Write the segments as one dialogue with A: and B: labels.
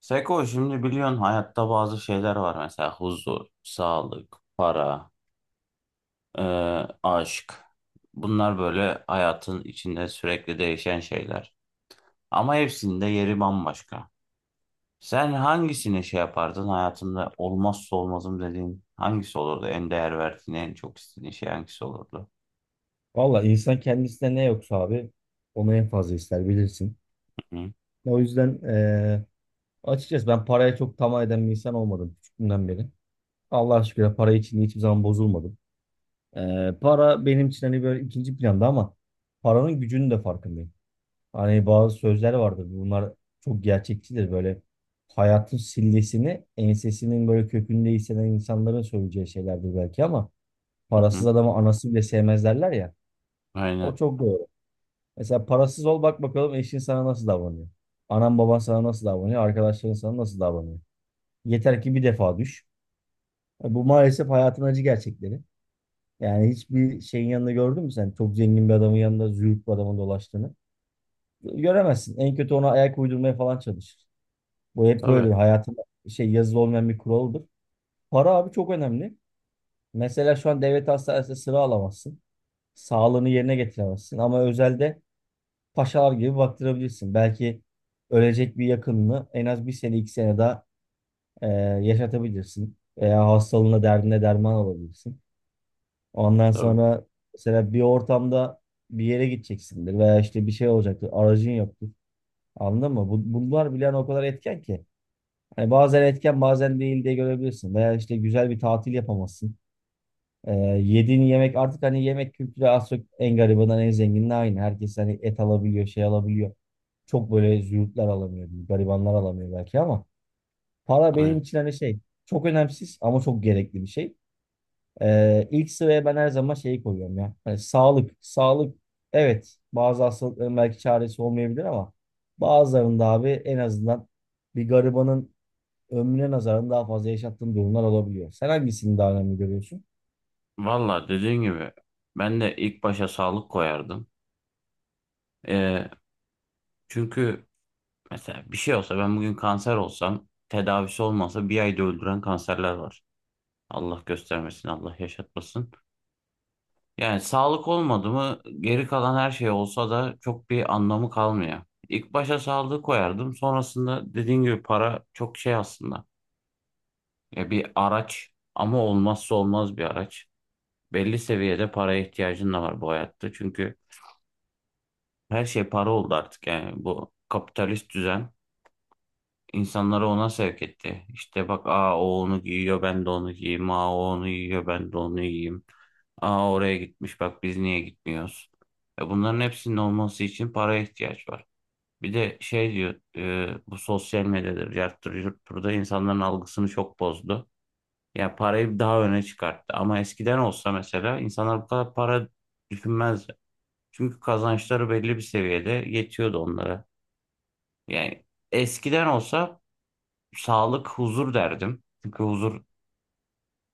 A: Seko, şimdi biliyorsun hayatta bazı şeyler var, mesela huzur, sağlık, para, e, aşk. Bunlar böyle hayatın içinde sürekli değişen şeyler. Ama hepsinin de yeri bambaşka. Sen hangisini şey yapardın, hayatında olmazsa olmazım dediğin hangisi olurdu? En değer verdiğin, en çok istediğin şey hangisi olurdu?
B: Valla insan kendisine ne yoksa abi onu en fazla ister bilirsin.
A: Hı hı,
B: O yüzden açıkçası ben paraya çok tamah eden bir insan olmadım küçüklüğümden beri. Allah'a şükür para için hiçbir zaman bozulmadım. Para benim için hani böyle ikinci planda ama paranın gücünün de farkındayım. Hani bazı sözler vardır, bunlar çok gerçekçidir, böyle hayatın sillesini ensesinin böyle kökünde hisseden insanların söyleyeceği şeylerdir belki ama
A: hı hı.
B: parasız adamı anası bile sevmez derler ya. O
A: Aynen.
B: çok doğru. Mesela parasız ol, bak bakalım eşin sana nasıl davranıyor. Anan baban sana nasıl davranıyor. Arkadaşların sana nasıl davranıyor. Yeter ki bir defa düş. Bu maalesef hayatın acı gerçekleri. Yani hiçbir şeyin yanında gördün mü sen çok zengin bir adamın yanında züğürt bir adamın dolaştığını? Göremezsin. En kötü ona ayak uydurmaya falan çalışır. Bu hep
A: Tabii,
B: böyledir. Hayatın şey yazılı olmayan bir kuralıdır. Para abi çok önemli. Mesela şu an devlet hastanesinde sıra alamazsın. Sağlığını yerine getiremezsin. Ama özelde paşalar gibi baktırabilirsin. Belki ölecek bir yakınını en az bir sene iki sene daha e, yaşatabilirsin. Veya hastalığına, derdine derman olabilirsin. Ondan
A: tabii.
B: sonra mesela bir ortamda bir yere gideceksindir veya işte bir şey olacaktır. Aracın yoktur. Anladın mı? Bunlar bile hani o kadar etken ki. Hani bazen etken bazen değil diye görebilirsin. Veya işte güzel bir tatil yapamazsın. E, Yediğin yemek, artık hani yemek kültürü az çok en garibinden en zenginine aynı. Herkes hani et alabiliyor, şey alabiliyor. Çok böyle züğürtler alamıyor, garibanlar alamıyor belki ama para benim
A: Aynen.
B: için hani şey, çok önemsiz ama çok gerekli bir şey. İlk sıraya ben her zaman şeyi koyuyorum ya. Hani sağlık, sağlık, evet bazı hastalıkların belki çaresi olmayabilir ama bazılarında abi en azından bir garibanın ömrüne nazaran daha fazla yaşattığın durumlar olabiliyor. Sen hangisini daha önemli görüyorsun?
A: Valla dediğin gibi ben de ilk başa sağlık koyardım. E, çünkü mesela bir şey olsa, ben bugün kanser olsam, tedavisi olmasa bir ayda öldüren kanserler var. Allah göstermesin, Allah yaşatmasın. Yani sağlık olmadı mı geri kalan her şey olsa da çok bir anlamı kalmıyor. İlk başa sağlığı koyardım. Sonrasında dediğin gibi para çok şey aslında. Ya bir araç, ama olmazsa olmaz bir araç. Belli seviyede paraya ihtiyacın da var bu hayatta. Çünkü her şey para oldu artık, yani bu kapitalist düzen. İnsanları ona sevk etti. İşte bak, aa o onu giyiyor ben de onu giyeyim. Aa o onu giyiyor ben de onu giyeyim. Aa oraya gitmiş, bak biz niye gitmiyoruz? E bunların hepsinin olması için paraya ihtiyaç var. Bir de şey diyor, bu sosyal medyadır, yarttır, yurttur da insanların algısını çok bozdu. Yani parayı daha öne çıkarttı. Ama eskiden olsa mesela insanlar bu kadar para düşünmezdi. Çünkü kazançları belli bir seviyede yetiyordu onlara. Yani eskiden olsa sağlık, huzur derdim. Çünkü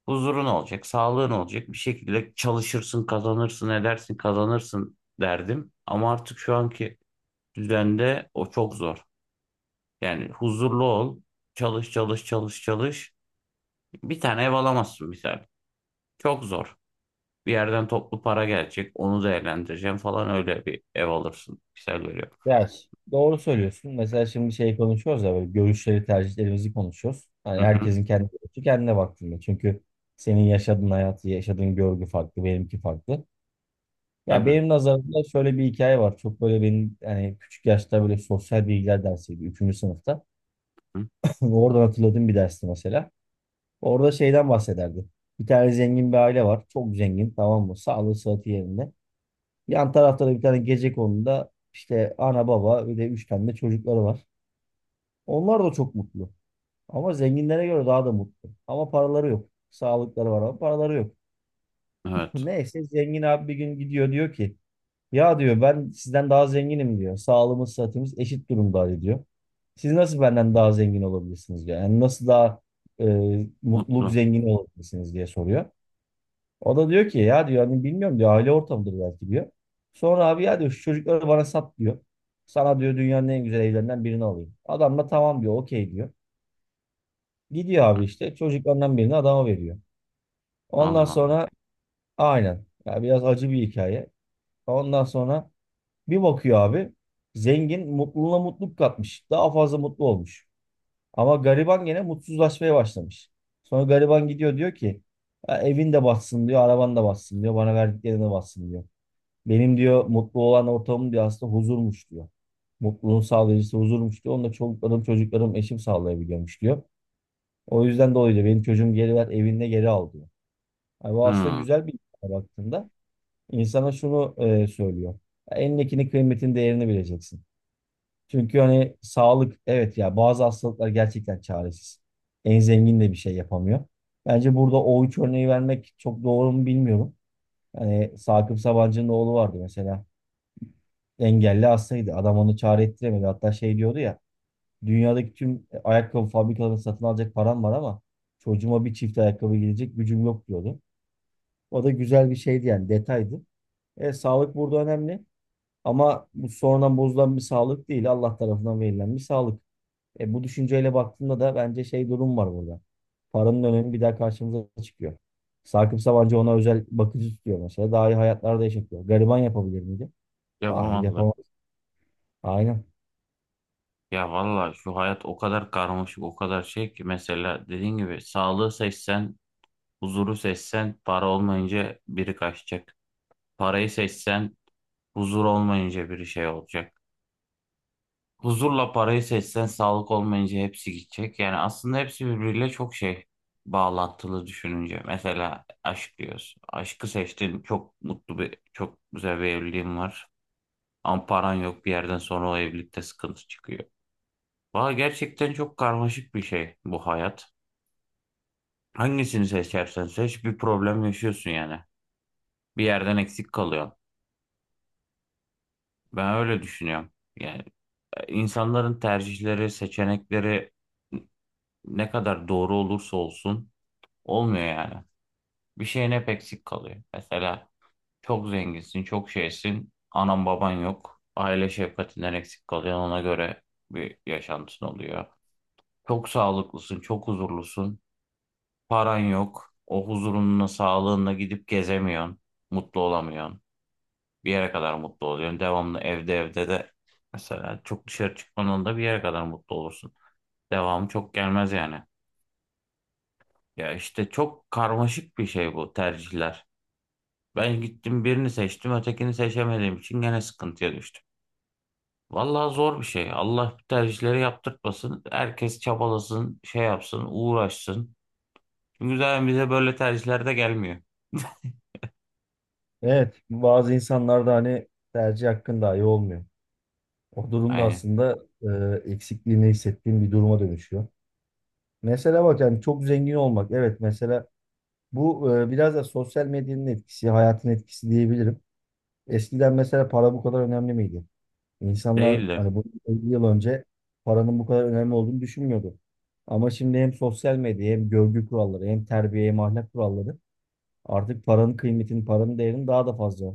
A: huzurun olacak, sağlığın olacak. Bir şekilde çalışırsın, kazanırsın, edersin, kazanırsın derdim. Ama artık şu anki düzende o çok zor. Yani huzurlu ol, çalış, çalış, çalış, çalış. Bir tane ev alamazsın misal. Çok zor. Bir yerden toplu para gelecek, onu değerlendireceğim falan, öyle bir ev alırsın. Misal veriyorum.
B: Ders. Doğru söylüyorsun. Mesela şimdi şey konuşuyoruz ya, böyle görüşleri, tercihlerimizi konuşuyoruz.
A: Hı
B: Hani
A: hı,
B: herkesin kendi görüşü kendine baktığında. Çünkü senin yaşadığın hayatı, yaşadığın görgü farklı, benimki farklı. Ya
A: tabii.
B: benim nazarımda şöyle bir hikaye var. Çok böyle benim yani küçük yaşta, böyle sosyal bilgiler dersiydi. Üçüncü sınıfta.
A: Hı,
B: Oradan hatırladığım bir dersti mesela. Orada şeyden bahsederdi. Bir tane zengin bir aile var. Çok zengin, tamam mı? Sağlığı sıhhati yerinde. Yan tarafta da bir tane gecekonduda işte ana baba ve de üç tane de çocukları var. Onlar da çok mutlu. Ama zenginlere göre daha da mutlu. Ama paraları yok. Sağlıkları var ama paraları yok.
A: evet.
B: Neyse zengin abi bir gün gidiyor, diyor ki ya diyor, ben sizden daha zenginim diyor. Sağlığımız sıhhatimiz eşit durumda diyor. Siz nasıl benden daha zengin olabilirsiniz diyor. Yani nasıl daha mutluluk
A: Mutlu.
B: zengini olabilirsiniz diye soruyor. O da diyor ki ya diyor, hani bilmiyorum diyor, aile ortamıdır belki diyor. Sonra abi ya diyor, şu çocukları bana sat diyor. Sana diyor dünyanın en güzel evlerinden birini alayım. Adam da tamam diyor, okey diyor. Gidiyor abi işte çocuklarından birini adama veriyor. Ondan
A: Allah
B: sonra aynen, ya biraz acı bir hikaye. Ondan sonra bir bakıyor abi, zengin mutluluğuna mutluluk katmış. Daha fazla mutlu olmuş. Ama gariban gene mutsuzlaşmaya başlamış. Sonra gariban gidiyor, diyor ki: "Ya evin de batsın diyor, araban da batsın diyor, bana verdiklerine batsın diyor. Benim diyor mutlu olan ortamım diyor aslında huzurmuş diyor. Mutluluğun sağlayıcısı huzurmuş diyor. Onu da çoluklarım, çocuklarım, eşim sağlayabiliyormuş diyor. O yüzden dolayı diyor benim çocuğum geri ver, evinde geri al diyor. Yani bu aslında
A: Allah. Hı,
B: güzel bir insana baktığında insana şunu söylüyor. Ya elindekinin kıymetini, değerini bileceksin. Çünkü hani sağlık, evet ya, bazı hastalıklar gerçekten çaresiz. En zengin de bir şey yapamıyor. Bence burada o üç örneği vermek çok doğru mu bilmiyorum. Hani Sakıp Sabancı'nın oğlu vardı mesela. Engelli hastaydı. Adam onu çare ettiremedi. Hatta şey diyordu ya, dünyadaki tüm ayakkabı fabrikalarını satın alacak param var ama çocuğuma bir çift ayakkabı gidecek gücüm yok diyordu. O da güzel bir şeydi yani, detaydı. Sağlık burada önemli. Ama bu sonradan bozulan bir sağlık değil. Allah tarafından verilen bir sağlık. Bu düşünceyle baktığında da bence şey durum var burada. Paranın önemi bir daha karşımıza çıkıyor. Sakıp Sabancı ona özel bakıcı tutuyor mesela. Daha iyi hayatlarda yaşatıyor. Gariban yapabilir miydi? Hayır
A: yapamadılar.
B: yapamaz. Aynen.
A: Ya valla şu hayat o kadar karmaşık, o kadar şey ki, mesela dediğin gibi sağlığı seçsen, huzuru seçsen para olmayınca biri kaçacak. Parayı seçsen huzur olmayınca biri şey olacak. Huzurla parayı seçsen sağlık olmayınca hepsi gidecek. Yani aslında hepsi birbiriyle çok şey, bağlantılı düşününce. Mesela aşk diyoruz. Aşkı seçtin, çok mutlu bir, çok güzel bir evliliğin var. Ama paran yok, bir yerden sonra o evlilikte sıkıntı çıkıyor. Valla gerçekten çok karmaşık bir şey bu hayat. Hangisini seçersen seç bir problem yaşıyorsun yani. Bir yerden eksik kalıyor. Ben öyle düşünüyorum. Yani insanların tercihleri, seçenekleri ne kadar doğru olursa olsun olmuyor yani. Bir şeyin hep eksik kalıyor. Mesela çok zenginsin, çok şeysin, anan baban yok. Aile şefkatinden eksik kalıyor. Ona göre bir yaşantın oluyor. Çok sağlıklısın, çok huzurlusun. Paran yok. O huzurunla, sağlığınla gidip gezemiyorsun. Mutlu olamıyorsun. Bir yere kadar mutlu oluyorsun. Devamlı evde, de mesela çok dışarı çıkmanın da bir yere kadar mutlu olursun. Devamı çok gelmez yani. Ya işte çok karmaşık bir şey bu tercihler. Ben gittim birini seçtim, ötekini seçemediğim için gene sıkıntıya düştüm. Vallahi zor bir şey. Allah bu tercihleri yaptırtmasın. Herkes çabalasın, şey yapsın, uğraşsın. Çünkü zaten bize böyle tercihler de gelmiyor.
B: Evet. Bazı insanlarda hani tercih hakkın dahi olmuyor. O durumda
A: Aynen.
B: aslında eksikliğini hissettiğim bir duruma dönüşüyor. Mesela bak, yani çok zengin olmak. Evet mesela bu biraz da sosyal medyanın etkisi, hayatın etkisi diyebilirim. Eskiden mesela para bu kadar önemli miydi? İnsanlar
A: Değil de.
B: hani bu 50 yıl önce paranın bu kadar önemli olduğunu düşünmüyordu. Ama şimdi hem sosyal medya hem görgü kuralları hem terbiye hem ahlak kuralları artık paranın kıymetini, paranın değerini daha da fazla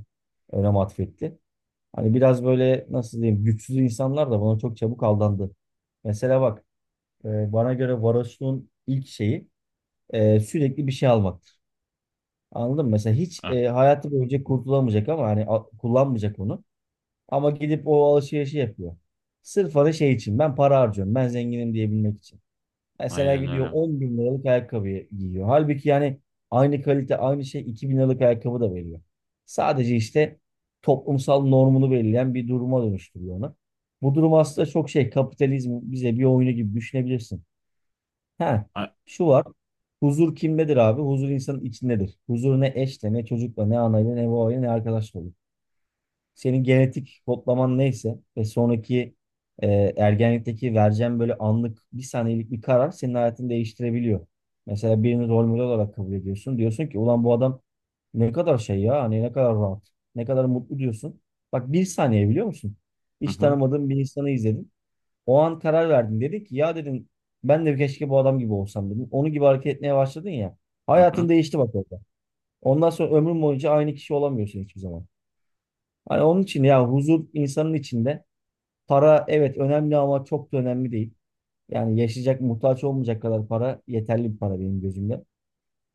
B: önem atfetti. Hani biraz böyle nasıl diyeyim, güçsüz insanlar da buna çok çabuk aldandı. Mesela bak, bana göre varoşluğun ilk şeyi sürekli bir şey almak. Anladın mı? Mesela hiç hayatı boyunca kurtulamayacak ama hani kullanmayacak onu. Ama gidip o alışverişi yapıyor. Sırf hani şey için, ben para harcıyorum. Ben zenginim diyebilmek için. Mesela
A: Aynen
B: gidiyor
A: öyle.
B: 10 bin liralık ayakkabıyı giyiyor. Halbuki yani aynı kalite aynı şey 2 bin liralık ayakkabı da veriyor. Sadece işte toplumsal normunu belirleyen bir duruma dönüştürüyor onu. Bu durum aslında çok şey, kapitalizm bize bir oyunu gibi düşünebilirsin. Ha,
A: A-
B: şu var. Huzur kimdedir abi? Huzur insanın içindedir. Huzur ne eşle, ne çocukla, ne anayla, ne babayla, ne arkadaşla olur. Senin genetik kodlaman neyse ve sonraki e, ergenlikteki vereceğin böyle anlık bir saniyelik bir karar senin hayatını değiştirebiliyor. Mesela birini rol model olarak kabul ediyorsun. Diyorsun ki ulan bu adam ne kadar şey ya, hani ne kadar rahat, ne kadar mutlu diyorsun. Bak bir saniye, biliyor musun?
A: Hı
B: Hiç
A: hı,
B: tanımadığın bir insanı izledin. O an karar verdin. Dedi ki ya dedim ben de, keşke bu adam gibi olsam dedim. Onun gibi hareket etmeye başladın ya.
A: hı
B: Hayatın
A: hı.
B: değişti bak orada. Ondan sonra ömrün boyunca aynı kişi olamıyorsun hiçbir zaman. Hani onun için ya, huzur insanın içinde. Para evet önemli ama çok da önemli değil. Yani yaşayacak, muhtaç olmayacak kadar para yeterli bir para benim gözümde.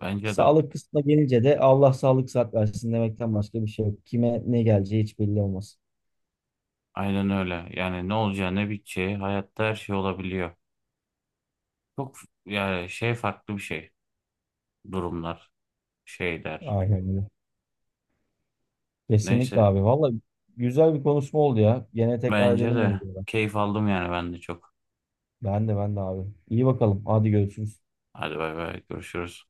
A: Bence de.
B: Sağlık kısmına gelince de Allah sağlık sıhhat versin demekten başka bir şey yok. Kime ne geleceği hiç belli olmaz.
A: Aynen öyle. Yani ne olacağı ne biteceği hayatta her şey olabiliyor. Yani şey farklı bir şey. Durumlar, şeyler.
B: Aynen öyle. Kesinlikle
A: Neyse.
B: abi. Vallahi güzel bir konuşma oldu ya. Gene tekrar
A: Bence
B: edelim bunu.
A: de keyif aldım yani, ben de çok.
B: Ben de abi. İyi bakalım. Hadi görüşürüz.
A: Hadi bay bay, görüşürüz.